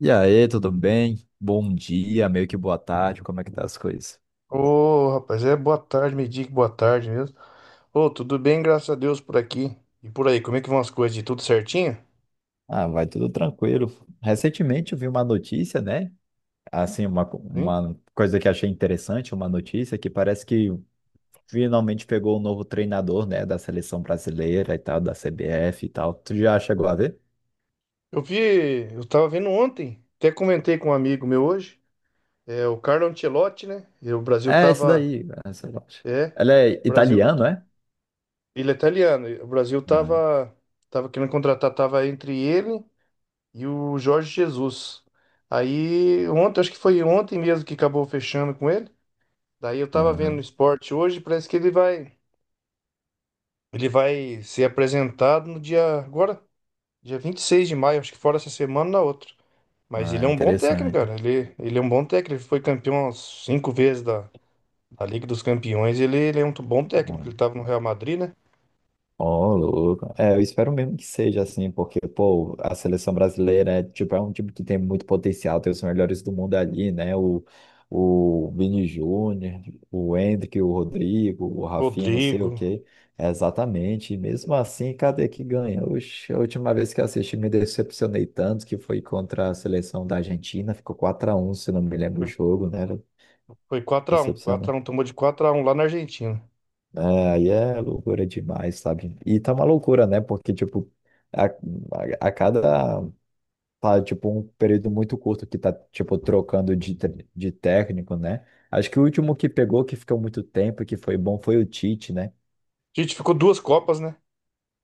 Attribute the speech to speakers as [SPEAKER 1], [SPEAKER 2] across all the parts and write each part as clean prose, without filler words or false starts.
[SPEAKER 1] E aí, tudo bem? Bom dia, meio que boa tarde, como é que tá as coisas?
[SPEAKER 2] Ô, rapaz, é boa tarde, me diga boa tarde mesmo. Ô, tudo bem, graças a Deus por aqui. E por aí, como é que vão as coisas? De tudo certinho?
[SPEAKER 1] Ah, vai tudo tranquilo. Recentemente eu vi uma notícia, né? Assim,
[SPEAKER 2] Sim.
[SPEAKER 1] uma coisa que achei interessante, uma notícia que parece que finalmente pegou o novo treinador, né? Da seleção brasileira e tal, da CBF e tal. Tu já chegou a ver?
[SPEAKER 2] Eu vi, eu tava vendo ontem, até comentei com um amigo meu hoje, é o Carlo Ancelotti, né? E o Brasil
[SPEAKER 1] É, esse
[SPEAKER 2] tava,
[SPEAKER 1] daí, essa loja.
[SPEAKER 2] é,
[SPEAKER 1] Ela é
[SPEAKER 2] o Brasil,
[SPEAKER 1] italiano, é?
[SPEAKER 2] ele é italiano, e o Brasil
[SPEAKER 1] Ah,
[SPEAKER 2] tava querendo contratar, tava entre ele e o Jorge Jesus. Aí, ontem, acho que foi ontem mesmo que acabou fechando com ele. Daí eu tava vendo no
[SPEAKER 1] aham.
[SPEAKER 2] esporte hoje, parece que ele vai ser apresentado no dia agora, dia 26 de maio, acho que fora essa semana ou na outra. Mas
[SPEAKER 1] Ah,
[SPEAKER 2] ele é um bom técnico,
[SPEAKER 1] interessante.
[SPEAKER 2] cara. Ele é um bom técnico. Ele foi campeão umas cinco vezes da Liga dos Campeões. Ele é um bom técnico. Ele tava no Real Madrid, né?
[SPEAKER 1] Ó, louco. É, eu espero mesmo que seja assim, porque, pô, a seleção brasileira é, tipo, é um time que tem muito potencial, tem os melhores do mundo ali, né? O Vini Júnior, o Endrick, o Rodrigo, o Rafinha, não sei o
[SPEAKER 2] Rodrigo.
[SPEAKER 1] quê. É, exatamente. E mesmo assim, cadê que ganha? Oxe, a última vez que eu assisti, me decepcionei tanto que foi contra a seleção da Argentina, ficou quatro a um, se não me lembro o
[SPEAKER 2] Foi,
[SPEAKER 1] jogo, né?
[SPEAKER 2] foi 4x1.
[SPEAKER 1] Era
[SPEAKER 2] 4x1, tomou de 4-1 lá na Argentina.
[SPEAKER 1] Aí é loucura demais, sabe? E tá uma loucura, né? Porque, tipo, a, a, a cada. Tá, tipo, um período muito curto que tá, tipo, trocando de técnico, né? Acho que o último que pegou, que ficou muito tempo e que foi bom, foi o Tite, né?
[SPEAKER 2] A gente ficou duas Copas, né?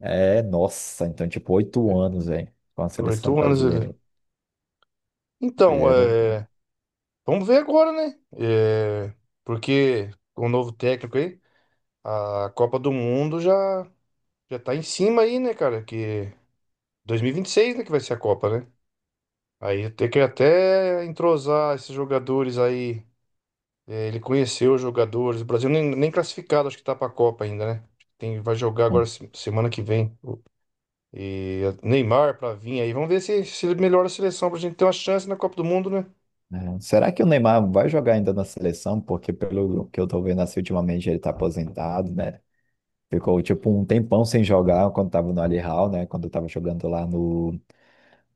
[SPEAKER 1] É, nossa, então, tipo, oito anos, velho, com a
[SPEAKER 2] Oito
[SPEAKER 1] seleção
[SPEAKER 2] anos ele.
[SPEAKER 1] brasileira. Aí
[SPEAKER 2] Então,
[SPEAKER 1] era. o-
[SPEAKER 2] é, vamos ver agora, né? É, porque com o novo técnico aí, a Copa do Mundo já. Já tá em cima aí, né, cara? Que 2026, né, que vai ser a Copa, né? Aí tem que até entrosar esses jogadores aí. É, ele conheceu os jogadores. O Brasil nem classificado, acho que tá pra Copa ainda, né? Tem, vai jogar agora semana que vem. E Neymar pra vir aí. Vamos ver se ele melhora a seleção pra gente ter uma chance na Copa do Mundo, né?
[SPEAKER 1] É. Será que o Neymar vai jogar ainda na seleção? Porque, pelo que eu tô vendo assim, ultimamente ele tá aposentado, né? Ficou tipo um tempão sem jogar quando tava no Al Hilal, né? Quando eu tava jogando lá no,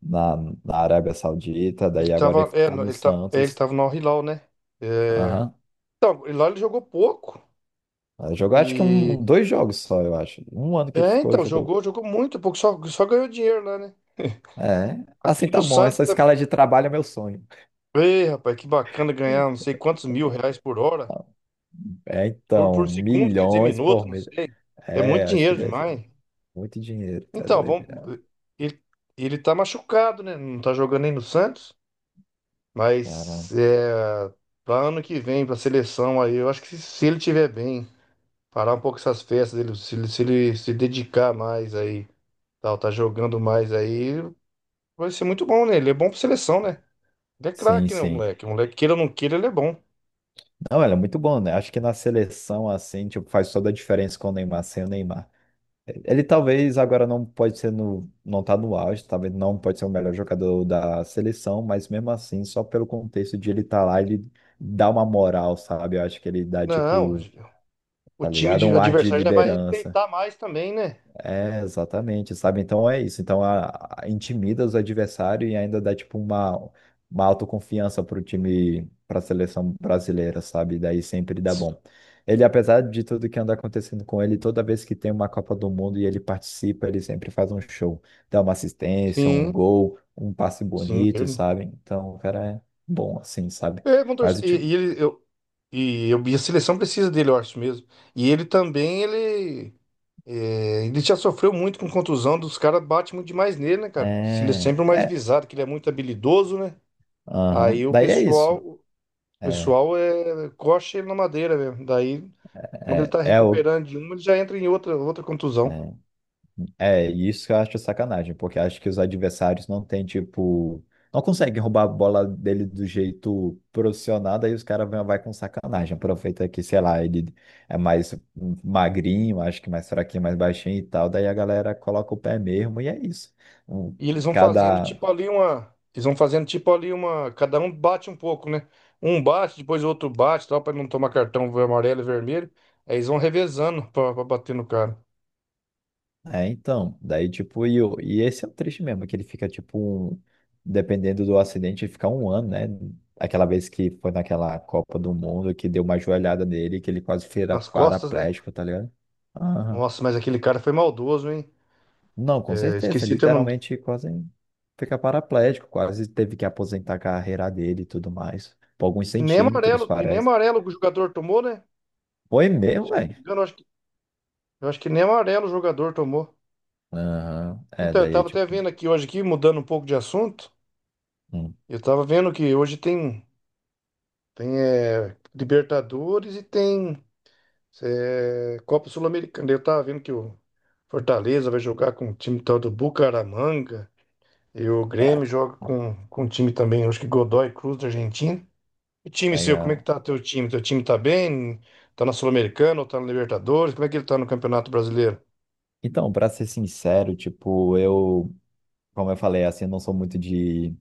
[SPEAKER 1] na, na Arábia Saudita,
[SPEAKER 2] Ele
[SPEAKER 1] daí agora
[SPEAKER 2] tava,
[SPEAKER 1] ele
[SPEAKER 2] é,
[SPEAKER 1] tá
[SPEAKER 2] no-
[SPEAKER 1] no
[SPEAKER 2] ele tá, é, ele
[SPEAKER 1] Santos.
[SPEAKER 2] tava no Al Hilal, né? É,
[SPEAKER 1] Aham.
[SPEAKER 2] então, e lá ele jogou pouco.
[SPEAKER 1] Jogou acho que
[SPEAKER 2] E.
[SPEAKER 1] dois jogos só, eu acho. Um ano que ele
[SPEAKER 2] É,
[SPEAKER 1] ficou,
[SPEAKER 2] então,
[SPEAKER 1] jogou.
[SPEAKER 2] jogou muito pouco, só ganhou dinheiro lá, né?
[SPEAKER 1] É, assim
[SPEAKER 2] Aqui no
[SPEAKER 1] tá bom. Essa
[SPEAKER 2] Santos
[SPEAKER 1] escala de trabalho é meu sonho.
[SPEAKER 2] Ei, rapaz, que bacana ganhar não sei quantos mil reais por hora,
[SPEAKER 1] É,
[SPEAKER 2] por,
[SPEAKER 1] então,
[SPEAKER 2] por segundo, quer dizer,
[SPEAKER 1] milhões
[SPEAKER 2] minuto,
[SPEAKER 1] por
[SPEAKER 2] não
[SPEAKER 1] mês.
[SPEAKER 2] sei. É
[SPEAKER 1] É,
[SPEAKER 2] muito
[SPEAKER 1] acho que
[SPEAKER 2] dinheiro
[SPEAKER 1] deve ser
[SPEAKER 2] demais.
[SPEAKER 1] muito dinheiro, tá
[SPEAKER 2] Então,
[SPEAKER 1] doido?
[SPEAKER 2] vamos,
[SPEAKER 1] Né?
[SPEAKER 2] ele, ele tá machucado, né? Não tá jogando nem no Santos,
[SPEAKER 1] Caramba.
[SPEAKER 2] mas é, para ano que vem, pra seleção aí, eu acho que se ele tiver bem, parar um pouco essas festas dele, se ele se dedicar mais aí, tal, tá jogando mais aí, vai ser muito bom, né? Ele é bom pra seleção, né? Ele é
[SPEAKER 1] Sim,
[SPEAKER 2] craque, né, o
[SPEAKER 1] sim.
[SPEAKER 2] moleque? O moleque, queira ou não queira, ele é bom.
[SPEAKER 1] Não, ela é muito bom, né? Acho que na seleção, assim, tipo, faz toda a diferença com o Neymar, sem o Neymar. Ele talvez agora não pode ser não tá no auge, talvez não pode ser o melhor jogador da seleção, mas mesmo assim, só pelo contexto de ele estar lá, ele dá uma moral, sabe? Eu acho que ele dá
[SPEAKER 2] Não,
[SPEAKER 1] tipo,
[SPEAKER 2] o
[SPEAKER 1] tá
[SPEAKER 2] time
[SPEAKER 1] ligado?
[SPEAKER 2] de
[SPEAKER 1] Um ar de
[SPEAKER 2] adversário já vai
[SPEAKER 1] liderança.
[SPEAKER 2] respeitar mais também, né?
[SPEAKER 1] É, exatamente, sabe? Então é isso. Então intimida os adversários e ainda dá tipo uma autoconfiança pro time, pra seleção brasileira, sabe? Daí sempre dá bom. Ele, apesar de tudo que anda acontecendo com ele, toda vez que tem uma Copa do Mundo e ele participa, ele sempre faz um show. Dá uma assistência, um
[SPEAKER 2] Sim,
[SPEAKER 1] gol, um passe
[SPEAKER 2] sim.
[SPEAKER 1] bonito, sabe? Então o cara é bom assim, sabe?
[SPEAKER 2] É, vão
[SPEAKER 1] Mas o
[SPEAKER 2] torcer.
[SPEAKER 1] time.
[SPEAKER 2] E ele, eu, e a seleção precisa dele, eu acho mesmo. E ele também, ele já sofreu muito com contusão, dos caras bate muito demais nele, né, cara? Se Ele é
[SPEAKER 1] É.
[SPEAKER 2] sempre o mais
[SPEAKER 1] É.
[SPEAKER 2] visado, que ele é muito habilidoso, né?
[SPEAKER 1] Aham.
[SPEAKER 2] Aí o
[SPEAKER 1] Daí é
[SPEAKER 2] pessoal,
[SPEAKER 1] isso.
[SPEAKER 2] o
[SPEAKER 1] É.
[SPEAKER 2] pessoal é, coxa ele na madeira mesmo. Daí, quando ele
[SPEAKER 1] É
[SPEAKER 2] tá
[SPEAKER 1] é o.
[SPEAKER 2] recuperando de uma, ele já entra em outra contusão.
[SPEAKER 1] é. É, e isso eu acho sacanagem, porque acho que os adversários não têm, tipo, não conseguem roubar a bola dele do jeito profissional, daí os caras vão vai com sacanagem. Aproveita que, sei lá, ele é mais magrinho, acho que mais fraquinho, mais baixinho e tal, daí a galera coloca o pé mesmo e é isso. Um-
[SPEAKER 2] E eles vão fazendo
[SPEAKER 1] cada
[SPEAKER 2] tipo ali uma. Eles vão fazendo tipo ali uma. Cada um bate um pouco, né? Um bate, depois o outro bate, tal, pra não tomar cartão amarelo e vermelho. Aí eles vão revezando pra bater no cara.
[SPEAKER 1] É, então, daí tipo, e esse é o triste mesmo, que ele fica tipo, dependendo do acidente, ele fica um ano, né? Aquela vez que foi naquela Copa do Mundo que deu uma joelhada nele, que ele quase vira
[SPEAKER 2] Nas costas, né?
[SPEAKER 1] paraplégico, tá ligado? Aham.
[SPEAKER 2] Nossa, mas aquele cara foi maldoso, hein?
[SPEAKER 1] Não, com
[SPEAKER 2] É,
[SPEAKER 1] certeza,
[SPEAKER 2] esqueci teu nome.
[SPEAKER 1] literalmente quase fica paraplégico, quase teve que aposentar a carreira dele e tudo mais, por alguns
[SPEAKER 2] E nem
[SPEAKER 1] centímetros,
[SPEAKER 2] amarelo, e nem
[SPEAKER 1] parece.
[SPEAKER 2] amarelo o jogador tomou, né?
[SPEAKER 1] Foi mesmo,
[SPEAKER 2] Se não me
[SPEAKER 1] velho?
[SPEAKER 2] engano, eu acho que nem amarelo o jogador tomou.
[SPEAKER 1] Aham, é,
[SPEAKER 2] Então, eu
[SPEAKER 1] daí
[SPEAKER 2] tava até
[SPEAKER 1] tipo,
[SPEAKER 2] vendo aqui hoje, aqui, mudando um pouco de assunto.
[SPEAKER 1] hum,
[SPEAKER 2] Eu tava vendo que hoje tem Libertadores e tem. É, Copa Sul-Americana. Eu tava vendo que o Fortaleza vai jogar com o time tal do Bucaramanga. E o Grêmio
[SPEAKER 1] tá,
[SPEAKER 2] joga com o time também, acho que Godoy Cruz da Argentina. E o time seu, como é que
[SPEAKER 1] legal.
[SPEAKER 2] tá teu time? Teu time tá bem? Tá na Sul-Americana ou tá na Libertadores? Como é que ele tá no Campeonato Brasileiro?
[SPEAKER 1] Então, pra ser sincero, tipo, eu como eu falei, assim, eu não sou muito de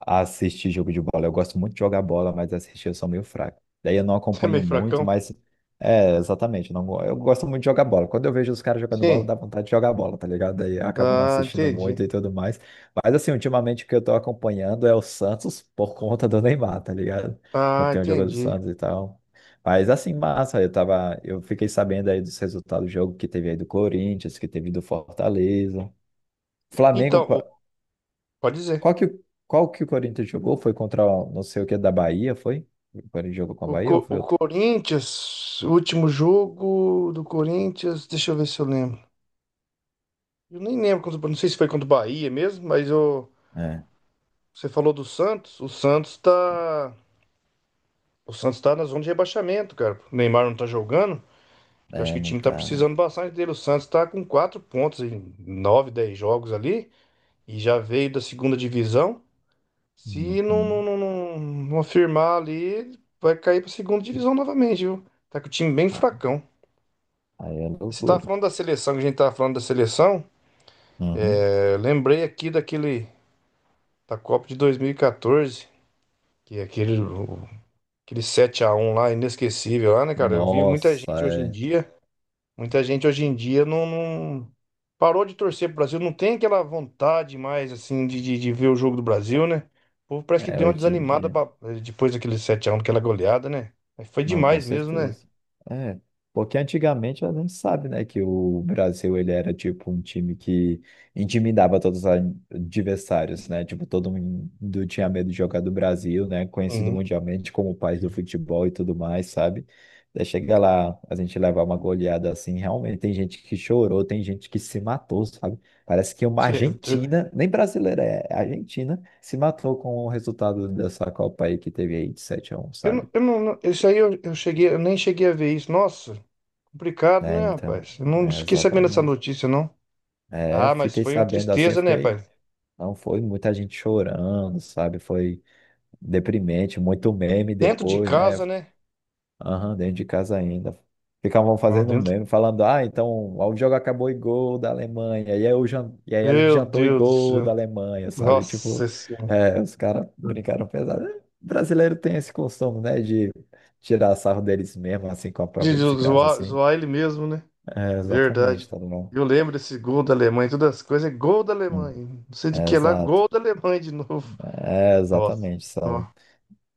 [SPEAKER 1] assistir jogo de bola. Eu gosto muito de jogar bola, mas assistir eu sou meio fraco. Daí eu não
[SPEAKER 2] é
[SPEAKER 1] acompanho
[SPEAKER 2] meio
[SPEAKER 1] muito,
[SPEAKER 2] fracão?
[SPEAKER 1] mas é, exatamente. Eu Não, go- Eu gosto muito de jogar bola. Quando eu vejo os caras jogando bola,
[SPEAKER 2] Sim.
[SPEAKER 1] dá vontade de jogar bola, tá ligado? Daí eu acabo não
[SPEAKER 2] Ah,
[SPEAKER 1] assistindo
[SPEAKER 2] entendi.
[SPEAKER 1] muito e tudo mais. Mas assim, ultimamente o que eu tô acompanhando é o Santos por conta do Neymar, tá ligado? Eu
[SPEAKER 2] Ah,
[SPEAKER 1] tenho o jogo do
[SPEAKER 2] entendi.
[SPEAKER 1] Santos e tal. Mas assim, massa, eu fiquei sabendo aí dos resultados do jogo que teve aí do Corinthians, que teve do Fortaleza. Flamengo.
[SPEAKER 2] Então, pode dizer.
[SPEAKER 1] Qual que, qual que o Corinthians jogou? Foi contra não sei o que da Bahia, foi? O Corinthians jogou com a
[SPEAKER 2] O,
[SPEAKER 1] Bahia ou
[SPEAKER 2] Co-
[SPEAKER 1] foi
[SPEAKER 2] o
[SPEAKER 1] outro?
[SPEAKER 2] Corinthians, o último jogo do Corinthians, deixa eu ver se eu lembro. Eu nem lembro, não sei se foi contra o Bahia mesmo, mas eu,
[SPEAKER 1] É,
[SPEAKER 2] você falou do Santos. O Santos tá. O Santos tá na zona de rebaixamento, cara. O Neymar não tá jogando. Eu acho que o
[SPEAKER 1] não
[SPEAKER 2] time tá
[SPEAKER 1] tá. Não.
[SPEAKER 2] precisando bastante dele. O Santos tá com quatro pontos em nove, 10 jogos ali. E já veio da segunda divisão. Se não, não,
[SPEAKER 1] Uhum.
[SPEAKER 2] não, não, não afirmar ali, vai cair pra segunda divisão novamente, viu? Tá com o time bem
[SPEAKER 1] Aí
[SPEAKER 2] fracão.
[SPEAKER 1] aí é
[SPEAKER 2] Você tava
[SPEAKER 1] loucura.
[SPEAKER 2] falando da seleção, que a gente tava falando da seleção.
[SPEAKER 1] Uhum.
[SPEAKER 2] É, lembrei aqui daquele. Da Copa de 2014. Que aquele 7-1 lá, inesquecível lá, né, cara? Eu vi muita gente hoje
[SPEAKER 1] Nossa,
[SPEAKER 2] em dia, muita gente hoje em dia não, parou de torcer pro Brasil, não tem aquela vontade mais, assim, de ver o jogo do Brasil, né? O povo parece que
[SPEAKER 1] é. É,
[SPEAKER 2] deu uma
[SPEAKER 1] hoje em
[SPEAKER 2] desanimada
[SPEAKER 1] dia.
[SPEAKER 2] depois daquele 7-1 daquela goleada, né? Mas foi
[SPEAKER 1] Não, com
[SPEAKER 2] demais mesmo, né?
[SPEAKER 1] certeza. É, porque antigamente a gente sabe, né, que o Brasil ele era tipo um time que intimidava todos os adversários, né? Tipo, todo mundo tinha medo de jogar do Brasil, né? Conhecido
[SPEAKER 2] Sim.
[SPEAKER 1] mundialmente como o país do futebol e tudo mais, sabe? Daí chega lá, a gente levar uma goleada assim, realmente tem gente que chorou, tem gente que se matou, sabe? Parece que uma
[SPEAKER 2] Cê-
[SPEAKER 1] Argentina, nem brasileira é, Argentina, se matou com o resultado dessa Copa aí que teve aí de 7 a um, sabe?
[SPEAKER 2] eu não, eu não- isso aí eu cheguei, eu nem cheguei a ver isso. Nossa, complicado,
[SPEAKER 1] É,
[SPEAKER 2] né,
[SPEAKER 1] então,
[SPEAKER 2] rapaz? Eu não
[SPEAKER 1] é,
[SPEAKER 2] fiquei sabendo dessa
[SPEAKER 1] exatamente.
[SPEAKER 2] notícia, não.
[SPEAKER 1] É, eu
[SPEAKER 2] Ah, mas
[SPEAKER 1] fiquei
[SPEAKER 2] foi uma
[SPEAKER 1] sabendo assim, eu
[SPEAKER 2] tristeza, né,
[SPEAKER 1] fiquei.
[SPEAKER 2] rapaz?
[SPEAKER 1] Não, foi muita gente chorando, sabe? Foi deprimente, muito meme
[SPEAKER 2] Dentro de
[SPEAKER 1] depois, né?
[SPEAKER 2] casa, né?
[SPEAKER 1] Aham, dentro de casa ainda. Ficavam
[SPEAKER 2] Ah,
[SPEAKER 1] fazendo
[SPEAKER 2] dentro.
[SPEAKER 1] meme, falando, ah, então o jogo acabou e gol da Alemanha. E aí, eu jan... e aí a gente
[SPEAKER 2] Meu
[SPEAKER 1] jantou e
[SPEAKER 2] Deus do
[SPEAKER 1] gol da
[SPEAKER 2] céu.
[SPEAKER 1] Alemanha, sabe?
[SPEAKER 2] Nossa
[SPEAKER 1] Tipo,
[SPEAKER 2] Senhora.
[SPEAKER 1] é, os caras brincaram pesado. É, brasileiro tem esse costume, né? De tirar sarro deles mesmo, assim, com a
[SPEAKER 2] De
[SPEAKER 1] própria
[SPEAKER 2] zo-
[SPEAKER 1] desgraça,
[SPEAKER 2] zoar,
[SPEAKER 1] assim.
[SPEAKER 2] zoar ele mesmo, né?
[SPEAKER 1] É, exatamente,
[SPEAKER 2] Verdade.
[SPEAKER 1] tá bom.
[SPEAKER 2] Eu lembro desse gol da Alemanha, todas as coisas, é gol da
[SPEAKER 1] Hum.
[SPEAKER 2] Alemanha. Não sei de
[SPEAKER 1] É,
[SPEAKER 2] que é lá,
[SPEAKER 1] exato.
[SPEAKER 2] gol da Alemanha de novo.
[SPEAKER 1] É,
[SPEAKER 2] Nossa.
[SPEAKER 1] exatamente, sabe?
[SPEAKER 2] Ó.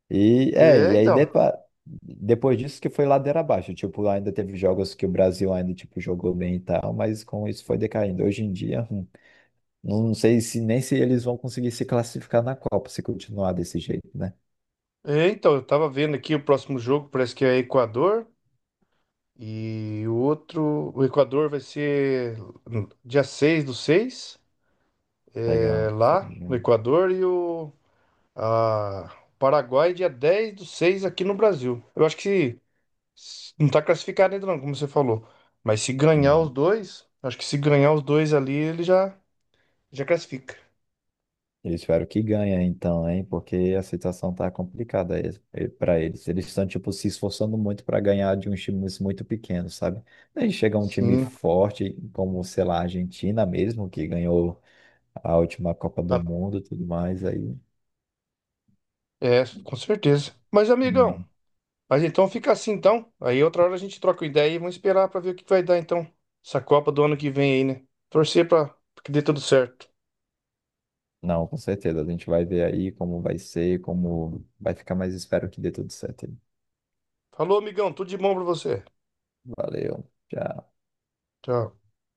[SPEAKER 2] É,
[SPEAKER 1] E aí
[SPEAKER 2] então.
[SPEAKER 1] depois disso que foi ladeira abaixo. Tipo, ainda teve jogos que o Brasil ainda, tipo, jogou bem e tal, mas com isso foi decaindo. Hoje em dia, não sei se nem se eles vão conseguir se classificar na Copa se continuar desse jeito, né?
[SPEAKER 2] É, então, eu tava vendo aqui o próximo jogo, parece que é Equador. E o outro, o Equador vai ser dia 6/6. É
[SPEAKER 1] Legal.
[SPEAKER 2] lá no Equador. Ah, Paraguai, dia 10/6 aqui no Brasil. Eu acho que não tá classificado ainda não, como você falou. Mas se ganhar os
[SPEAKER 1] Uhum.
[SPEAKER 2] dois, acho que se ganhar os dois ali, ele já, classifica.
[SPEAKER 1] Eu espero que ganhe, então, hein? Porque a situação tá complicada para eles. Eles estão, tipo, se esforçando muito para ganhar de uns times muito pequenos, sabe? Daí chega um time
[SPEAKER 2] Sim,
[SPEAKER 1] forte, como, sei lá, a Argentina mesmo, que ganhou a última Copa do
[SPEAKER 2] tá-
[SPEAKER 1] Mundo e tudo mais, aí.
[SPEAKER 2] com certeza. Mas,
[SPEAKER 1] hum,
[SPEAKER 2] amigão, mas então fica assim então. Aí outra hora a gente troca uma ideia e vamos esperar pra ver o que vai dar então. Essa Copa do ano que vem aí, né? Torcer pra que dê tudo certo.
[SPEAKER 1] Não, com certeza. A gente vai ver aí como vai ser, como vai ficar, mas espero que dê tudo certo aí.
[SPEAKER 2] Falou, amigão, tudo de bom pra você.
[SPEAKER 1] Valeu. Tchau.
[SPEAKER 2] Tchau.